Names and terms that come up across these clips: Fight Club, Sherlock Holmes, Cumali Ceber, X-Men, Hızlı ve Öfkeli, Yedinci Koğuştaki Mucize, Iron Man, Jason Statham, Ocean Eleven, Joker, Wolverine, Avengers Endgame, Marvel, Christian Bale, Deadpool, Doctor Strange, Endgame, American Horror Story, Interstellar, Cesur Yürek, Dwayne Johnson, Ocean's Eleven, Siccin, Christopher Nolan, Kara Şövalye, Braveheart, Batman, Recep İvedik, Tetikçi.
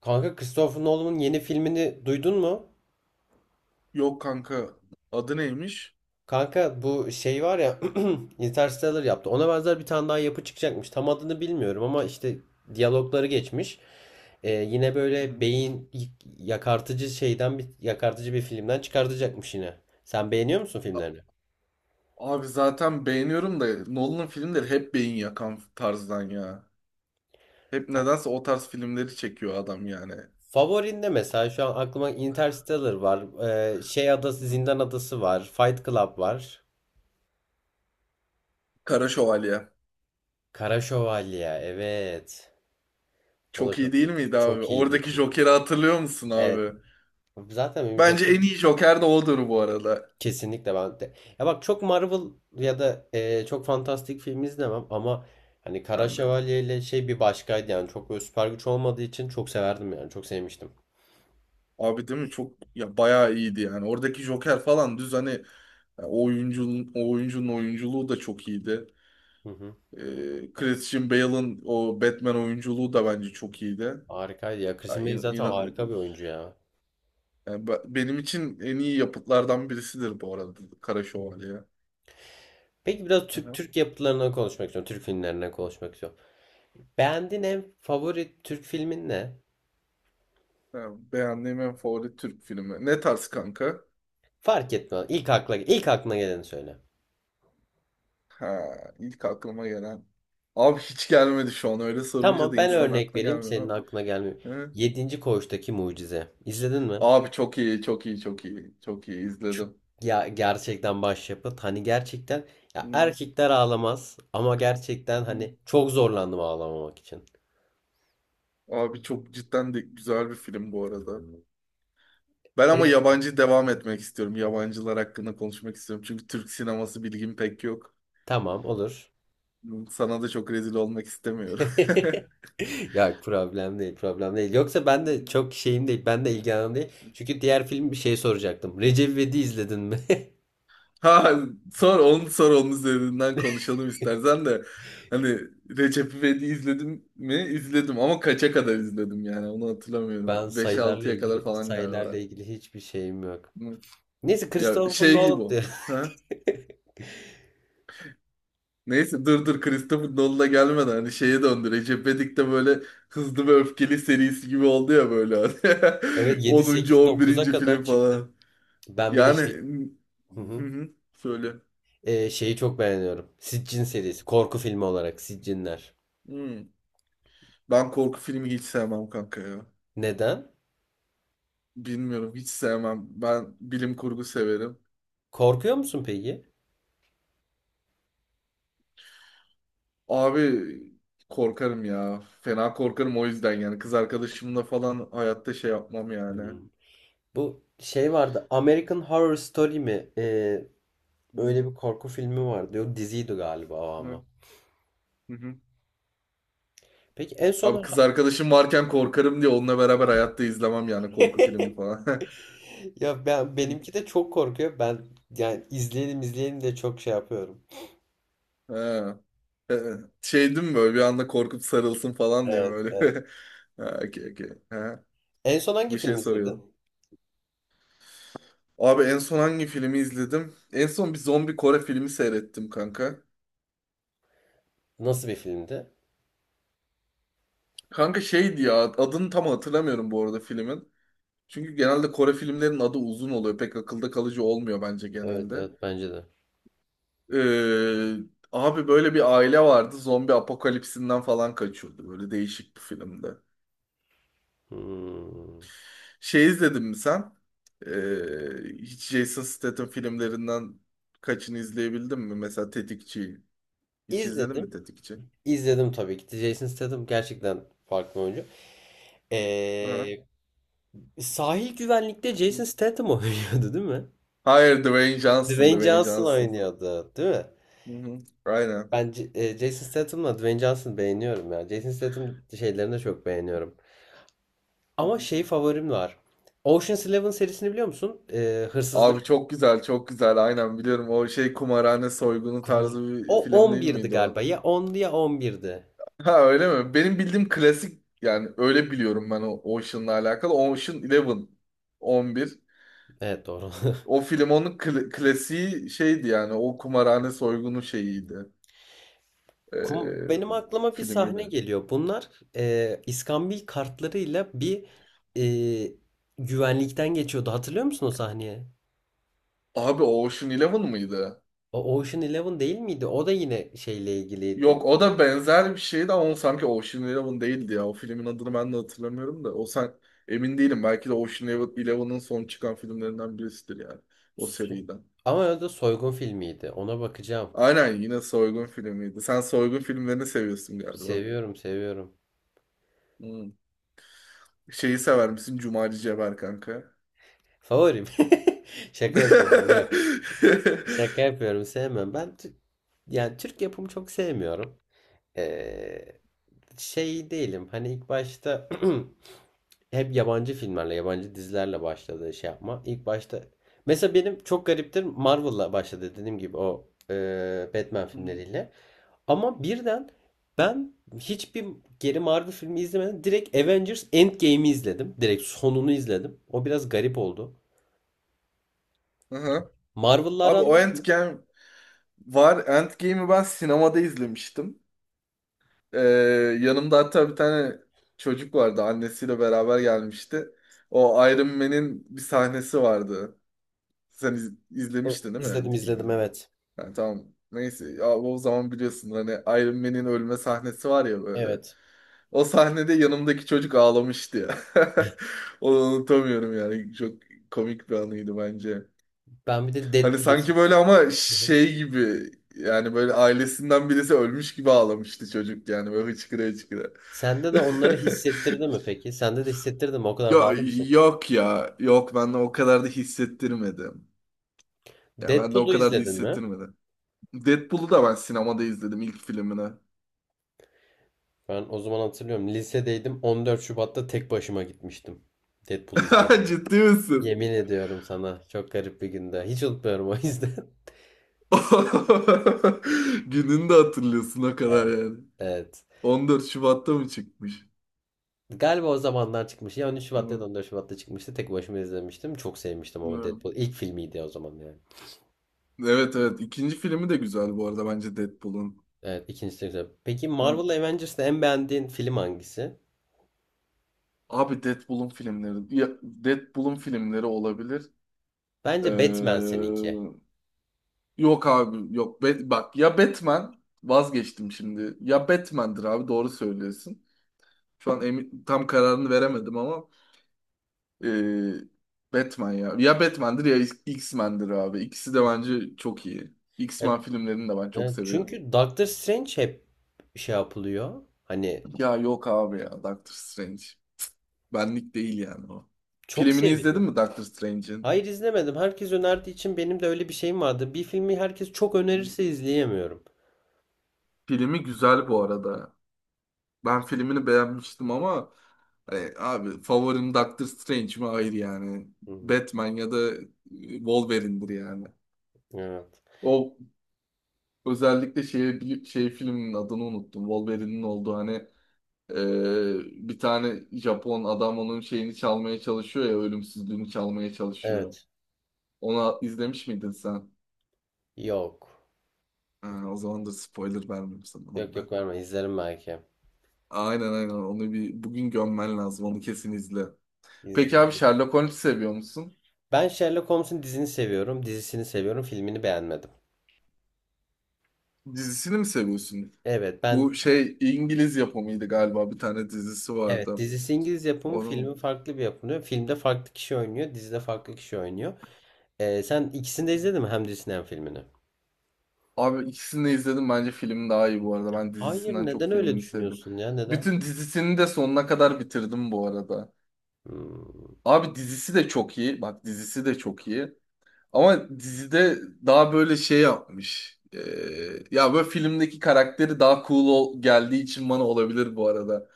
Kanka Christopher Nolan'ın yeni filmini duydun mu? Yok kanka, adı neymiş? Kanka bu şey var ya. Interstellar yaptı. Ona benzer bir tane daha yapı çıkacakmış. Tam adını bilmiyorum ama işte diyalogları geçmiş. Yine Hı böyle hı. beyin yakartıcı şeyden bir yakartıcı bir filmden çıkartacakmış yine. Sen beğeniyor musun filmlerini? A- Abi zaten beğeniyorum da Nolan'ın filmleri hep beyin yakan tarzdan ya. Hep Ya, nedense o tarz filmleri çekiyor adam yani. favorinde mesela şu an aklıma Interstellar var. Hı. Zindan Adası var. Fight Club var. Kara Şövalye. Kara Şövalye. Evet. O da Çok çok iyi değil miydi abi? çok iyiydi, Oradaki çok iyi. Joker'i hatırlıyor musun Evet. abi? Zaten benim Bence Joker en iyi Joker de odur bu arada. kesinlikle ben de. Ya bak, çok Marvel ya da çok fantastik film izlemem ama hani Kara Ben de. Şövalye ile şey bir başkaydı yani çok böyle süper güç olmadığı için çok severdim yani çok sevmiştim. Abi değil mi çok ya, bayağı iyiydi yani. Oradaki Joker falan düz, hani ya o oyuncunun oyunculuğu da çok iyiydi. Hı hı. Christian Bale'ın o Batman oyunculuğu da bence çok iyiydi. Harikaydı ya, Ya Christian Bale zaten harika bir oyuncu ya. yani benim için en iyi yapıtlardan birisidir bu arada Kara Şövalye. Peki biraz Hı Türk hı. Türk yapıtlarına konuşmak istiyorum. Türk filmlerine konuşmak istiyorum. Beğendiğin en favori Türk filmin ne? Yani beğendiğim en favori Türk filmi. Ne tarz kanka? Fark etmez. İlk aklına geleni söyle. Ha, ilk aklıma gelen. Abi hiç gelmedi şu an. Öyle sorunca Tamam, da ben insanın örnek aklına vereyim, senin gelmiyor. aklına gelmiyor. Yedinci Koğuştaki Mucize. İzledin mi? Abi çok iyi, çok iyi, çok iyi. Çok iyi izledim. Ya, gerçekten başyapıt. Hani gerçekten, ya Hı, erkekler ağlamaz ama gerçekten hı. hani çok zorlandım ağlamamak için. Abi çok cidden de güzel bir film bu arada. Ben ama Hayır. yabancı devam etmek istiyorum. Yabancılar hakkında konuşmak istiyorum. Çünkü Türk sineması bilgim pek yok. Tamam, olur. Hı. Sana da çok rezil olmak istemiyorum. Ya, problem değil, problem değil. Yoksa ben de çok şeyim değil, ben de ilgilenim değil. Çünkü diğer film bir şey soracaktım. Recep İvedik'i izledin mi? Ha, sor onun üzerinden konuşalım istersen de. Hani Recep İvedik'i izledim mi? İzledim ama kaça kadar izledim yani onu hatırlamıyorum. Ben Beş sayılarla altıya kadar ilgili falan sayılarla galiba. ilgili hiçbir şeyim yok. Neyse, Ya Christopher şey gibi Nolan o. diyor. Ha? Neyse, dur dur, Christopher Nolan'a gelmeden hani şeye döndü. Recep İvedik de böyle Hızlı ve Öfkeli serisi gibi oldu ya böyle, hani. Evet, yedi 10. sekiz dokuz'a 11. kadar film çıktım. falan. Ben bir de Yani, şey. Hı hı hı. hı, söyle. Şeyi çok beğeniyorum. Siccin serisi. Korku filmi olarak Siccinler. Hmm. Ben korku filmi hiç sevmem kanka ya. Neden? Bilmiyorum, hiç sevmem. Ben bilim kurgu severim. Korkuyor musun peki? Abi korkarım ya. Fena korkarım o yüzden yani. Kız arkadaşımla falan hayatta şey yapmam yani. Hmm. Hı Bu şey vardı. American Horror Story mi? Hı. Öyle bir korku filmi vardı. Yok, diziydi galiba o Hı ama. hı. Peki en Abi son kız arkadaşım varken korkarım diye onunla beraber hayatta izlemem yani korku filmi falan. ya benimki de çok korkuyor. Ben yani, izleyelim izleyelim de çok şey yapıyorum. Ha. Ee, Şey değil mi böyle bir anda korkup sarılsın falan diye Evet, evet. böyle. Ha, okey, okey. Ha, En son hangi bir şey film izledin? soruyordum. Abi en son hangi filmi izledim? En son bir zombi Kore filmi seyrettim kanka. Nasıl bir filmdi? Kanka şeydi ya, adını tam hatırlamıyorum bu arada filmin. Çünkü genelde Kore filmlerinin adı uzun oluyor. Pek akılda kalıcı olmuyor bence Evet, genelde. evet, bence de. Ee, abi böyle bir aile vardı. Zombi apokalipsinden falan kaçıyordu. Böyle değişik bir filmdi. Hmm. Şey izledin mi sen? Hiç Jason Statham filmlerinden kaçını izleyebildin mi? Mesela Tetikçi. Hiç izledin mi İzledim. Tetikçi? İzledim tabii ki. Jason Statham gerçekten farklı oyuncu. Hı. Ee, Sahil güvenlikte Jason Statham oynuyordu değil mi? Hayır, Dwayne Johnson, Dwayne Dwayne Johnson Johnson. oynuyordu değil mi? Hı hı. Aynen. Ben Jason Statham'la Dwayne Johnson'ı beğeniyorum ya. Jason Statham şeylerini de çok beğeniyorum. Hı Ama hı. şey, favorim var. Ocean's Eleven serisini biliyor musun? Abi Hırsızlık. çok güzel, çok güzel. Aynen, biliyorum. O şey kumarhane soygunu tarzı bir O film on değil birdi miydi galiba. o? Ya 10'du ya 11'di. Ha, öyle mi? Benim bildiğim klasik yani, öyle biliyorum ben o Ocean'la alakalı. Ocean Eleven, 11. Evet, doğru. O film onun klasiği şeydi yani, o kumarhane soygunu şeyiydi. Ee, Benim aklıma bir sahne filmiydi. geliyor. Bunlar iskambil kartlarıyla bir e, güvenlikten geçiyordu. Hatırlıyor musun o sahneye? Abi Ocean Eleven mıydı? O Ocean Eleven değil miydi? O da yine şeyle ilgiliydi. Yok, o da benzer bir şeydi ama o sanki Ocean Eleven değildi ya. O filmin adını ben de hatırlamıyorum da. O sen, emin değilim. Belki de Ocean Eleven- son çıkan filmlerinden birisidir yani. O Su- seriden. Ama o da soygun filmiydi. Ona bakacağım. Aynen, yine soygun filmiydi. Sen soygun filmlerini seviyorsun galiba. Seviyorum, seviyorum. Hmm. Şeyi sever misin? Cumali Ceber kanka. Favorim. Şaka yapıyorum. Yok. Hı Şaka yapıyorum. Sevmem. Ben yani Türk yapımı çok sevmiyorum. Ee, Şey değilim. Hani ilk başta hep yabancı filmlerle, yabancı dizilerle başladı şey yapma. İlk başta mesela benim çok gariptir Marvel'la başladı, dediğim gibi o Batman hı. filmleriyle. Ama birden ben hiçbir geri Marvel filmi izlemedim. Direkt Avengers Endgame'i izledim. Direkt sonunu izledim. O biraz garip oldu. Aha. Marvel'la Abi aran o var mı? Endgame var. Endgame'i ben sinemada izlemiştim. Ee, yanımda hatta bir tane çocuk vardı. Annesiyle beraber gelmişti. O Iron Man'in bir sahnesi vardı. Sen Evet, izlemiştin değil mi izledim izledim, Endgame'i? evet. Yani tamam. Neyse. Ya o zaman biliyorsun hani Iron Man'in ölme sahnesi var ya böyle. Evet. O sahnede yanımdaki çocuk ağlamıştı ya. Onu unutamıyorum yani. Çok komik bir anıydı bence. Ben bir de Hani Deadpool'u. sanki böyle ama Hı hı. şey gibi, yani böyle ailesinden birisi ölmüş gibi ağlamıştı çocuk yani böyle hıçkıra hıçkıra. Sende de onları hissettirdi mi peki? Sende de hissettirdi mi? O kadar Yok, bağlı mısın? yok ya. Yok, ben de o kadar da hissettirmedim. Ya ben de o Deadpool'u kadar da izledin mi? hissettirmedim. Deadpool'u da ben sinemada izledim ilk filmini. Ben o zaman hatırlıyorum. Lisedeydim. 14 Şubat'ta tek başıma gitmiştim Deadpool'u izlemeye. Ciddi misin? Yemin ediyorum sana. Çok garip bir günde. Hiç unutmuyorum o yüzden. Gününü de hatırlıyorsun o kadar Evet. yani. Evet. 14 Şubat'ta mı çıkmış? Galiba o zamanlar çıkmış. Ya 13 Şubat'ta ya da Hı, 14 Şubat'ta çıkmıştı. Tek başıma izlemiştim. Çok sevmiştim ama hı. Deadpool, ilk filmiydi o zaman yani. Evet evet. İkinci filmi de güzel bu arada bence Deadpool'un. Evet, ikincisi de güzel. Peki Hı. Marvel Avengers'ta en beğendiğin film hangisi? Abi Deadpool'un filmleri. Ya, Deadpool'un filmleri olabilir. Ee, Bence Batman seninki. yok abi yok. Bak ya, Batman vazgeçtim şimdi. Ya, Batman'dir abi, doğru söylüyorsun. Şu an emin, tam kararını veremedim ama ee, Batman ya. Ya Batman'dir ya X-Men'dir abi. İkisi de bence çok iyi. E, X-Men filmlerini de ben çok seviyorum. Çünkü Doctor Strange hep şey yapılıyor. Hani Ya yok abi, ya Doctor Strange. Benlik değil yani o. çok Filmini izledin seviliyor. mi Doctor Strange'in? Hayır, izlemedim. Herkes önerdiği için benim de öyle bir şeyim vardı. Bir filmi herkes çok önerirse izleyemiyorum. Filmi güzel bu arada. Ben filmini beğenmiştim ama hani abi favorim Doctor Strange mi? Hayır yani. Hı. Batman ya da Wolverine'dir yani. Evet. O özellikle şey, şey filminin adını unuttum. Wolverine'in olduğu hani bir tane Japon adam onun şeyini çalmaya çalışıyor ya, ölümsüzlüğünü çalmaya çalışıyor. Evet. Onu izlemiş miydin sen? Yok. Ha, o zaman da spoiler vermeyeyim sana onu Yok, da. yok, verme. İzlerim belki. Aynen aynen, onu bir bugün gömmen lazım, onu kesin izle. Peki abi, İzle. Sherlock Holmes seviyor musun? Ben Sherlock Holmes'un dizisini seviyorum, filmini beğenmedim. Dizisini mi seviyorsun? Evet, Bu şey İngiliz yapımıydı galiba, bir tane dizisi evet, vardı. dizisi İngiliz yapımı, Onu mu? filmi farklı bir yapımı. Filmde farklı kişi oynuyor, dizide farklı kişi oynuyor. Sen ikisini de izledin mi? Hem dizisini hem filmini. Abi ikisini de izledim, bence film daha iyi bu arada. Ben Hayır, dizisinden çok neden öyle filmini sevdim. düşünüyorsun ya? Neden? Bütün dizisini de sonuna kadar bitirdim bu arada. Hmm. Abi dizisi de çok iyi. Bak, dizisi de çok iyi. Ama dizide daha böyle şey yapmış. Ya böyle filmdeki karakteri daha cool geldiği için bana, olabilir bu arada.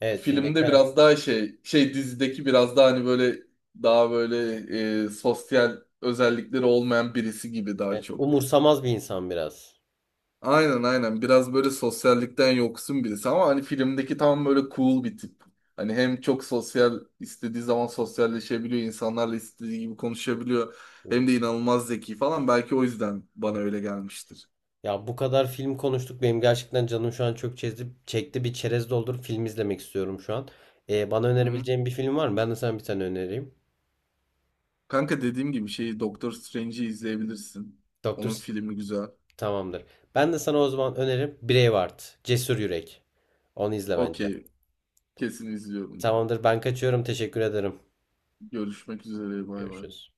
Evet, filmdeki Filmde biraz karakter, daha şey, dizideki biraz daha hani böyle, daha böyle sosyal özellikleri olmayan birisi gibi daha evet, çok. umursamaz bir insan biraz. Aynen aynen. Biraz böyle sosyallikten yoksun birisi ama hani filmdeki tam böyle cool bir tip. Hani hem çok sosyal, istediği zaman sosyalleşebiliyor, insanlarla istediği gibi konuşabiliyor. Hem de inanılmaz zeki falan. Belki o yüzden bana öyle gelmiştir. Ya, bu kadar film konuştuk. Benim gerçekten canım şu an çok çekti. Çekti bir çerez doldurup film izlemek istiyorum şu an. Bana Hı. Hı. önerebileceğin bir film var mı? Ben de sana bir tane önereyim. Kanka dediğim gibi şeyi Doktor Strange'i izleyebilirsin. Doktor Onun S- filmi güzel. Tamamdır. Ben de sana o zaman önerim Braveheart. Cesur Yürek. Onu izle bence. Okey, kesin izliyorum. Tamamdır, ben kaçıyorum. Teşekkür ederim. Görüşmek üzere, bay bay. Görüşürüz.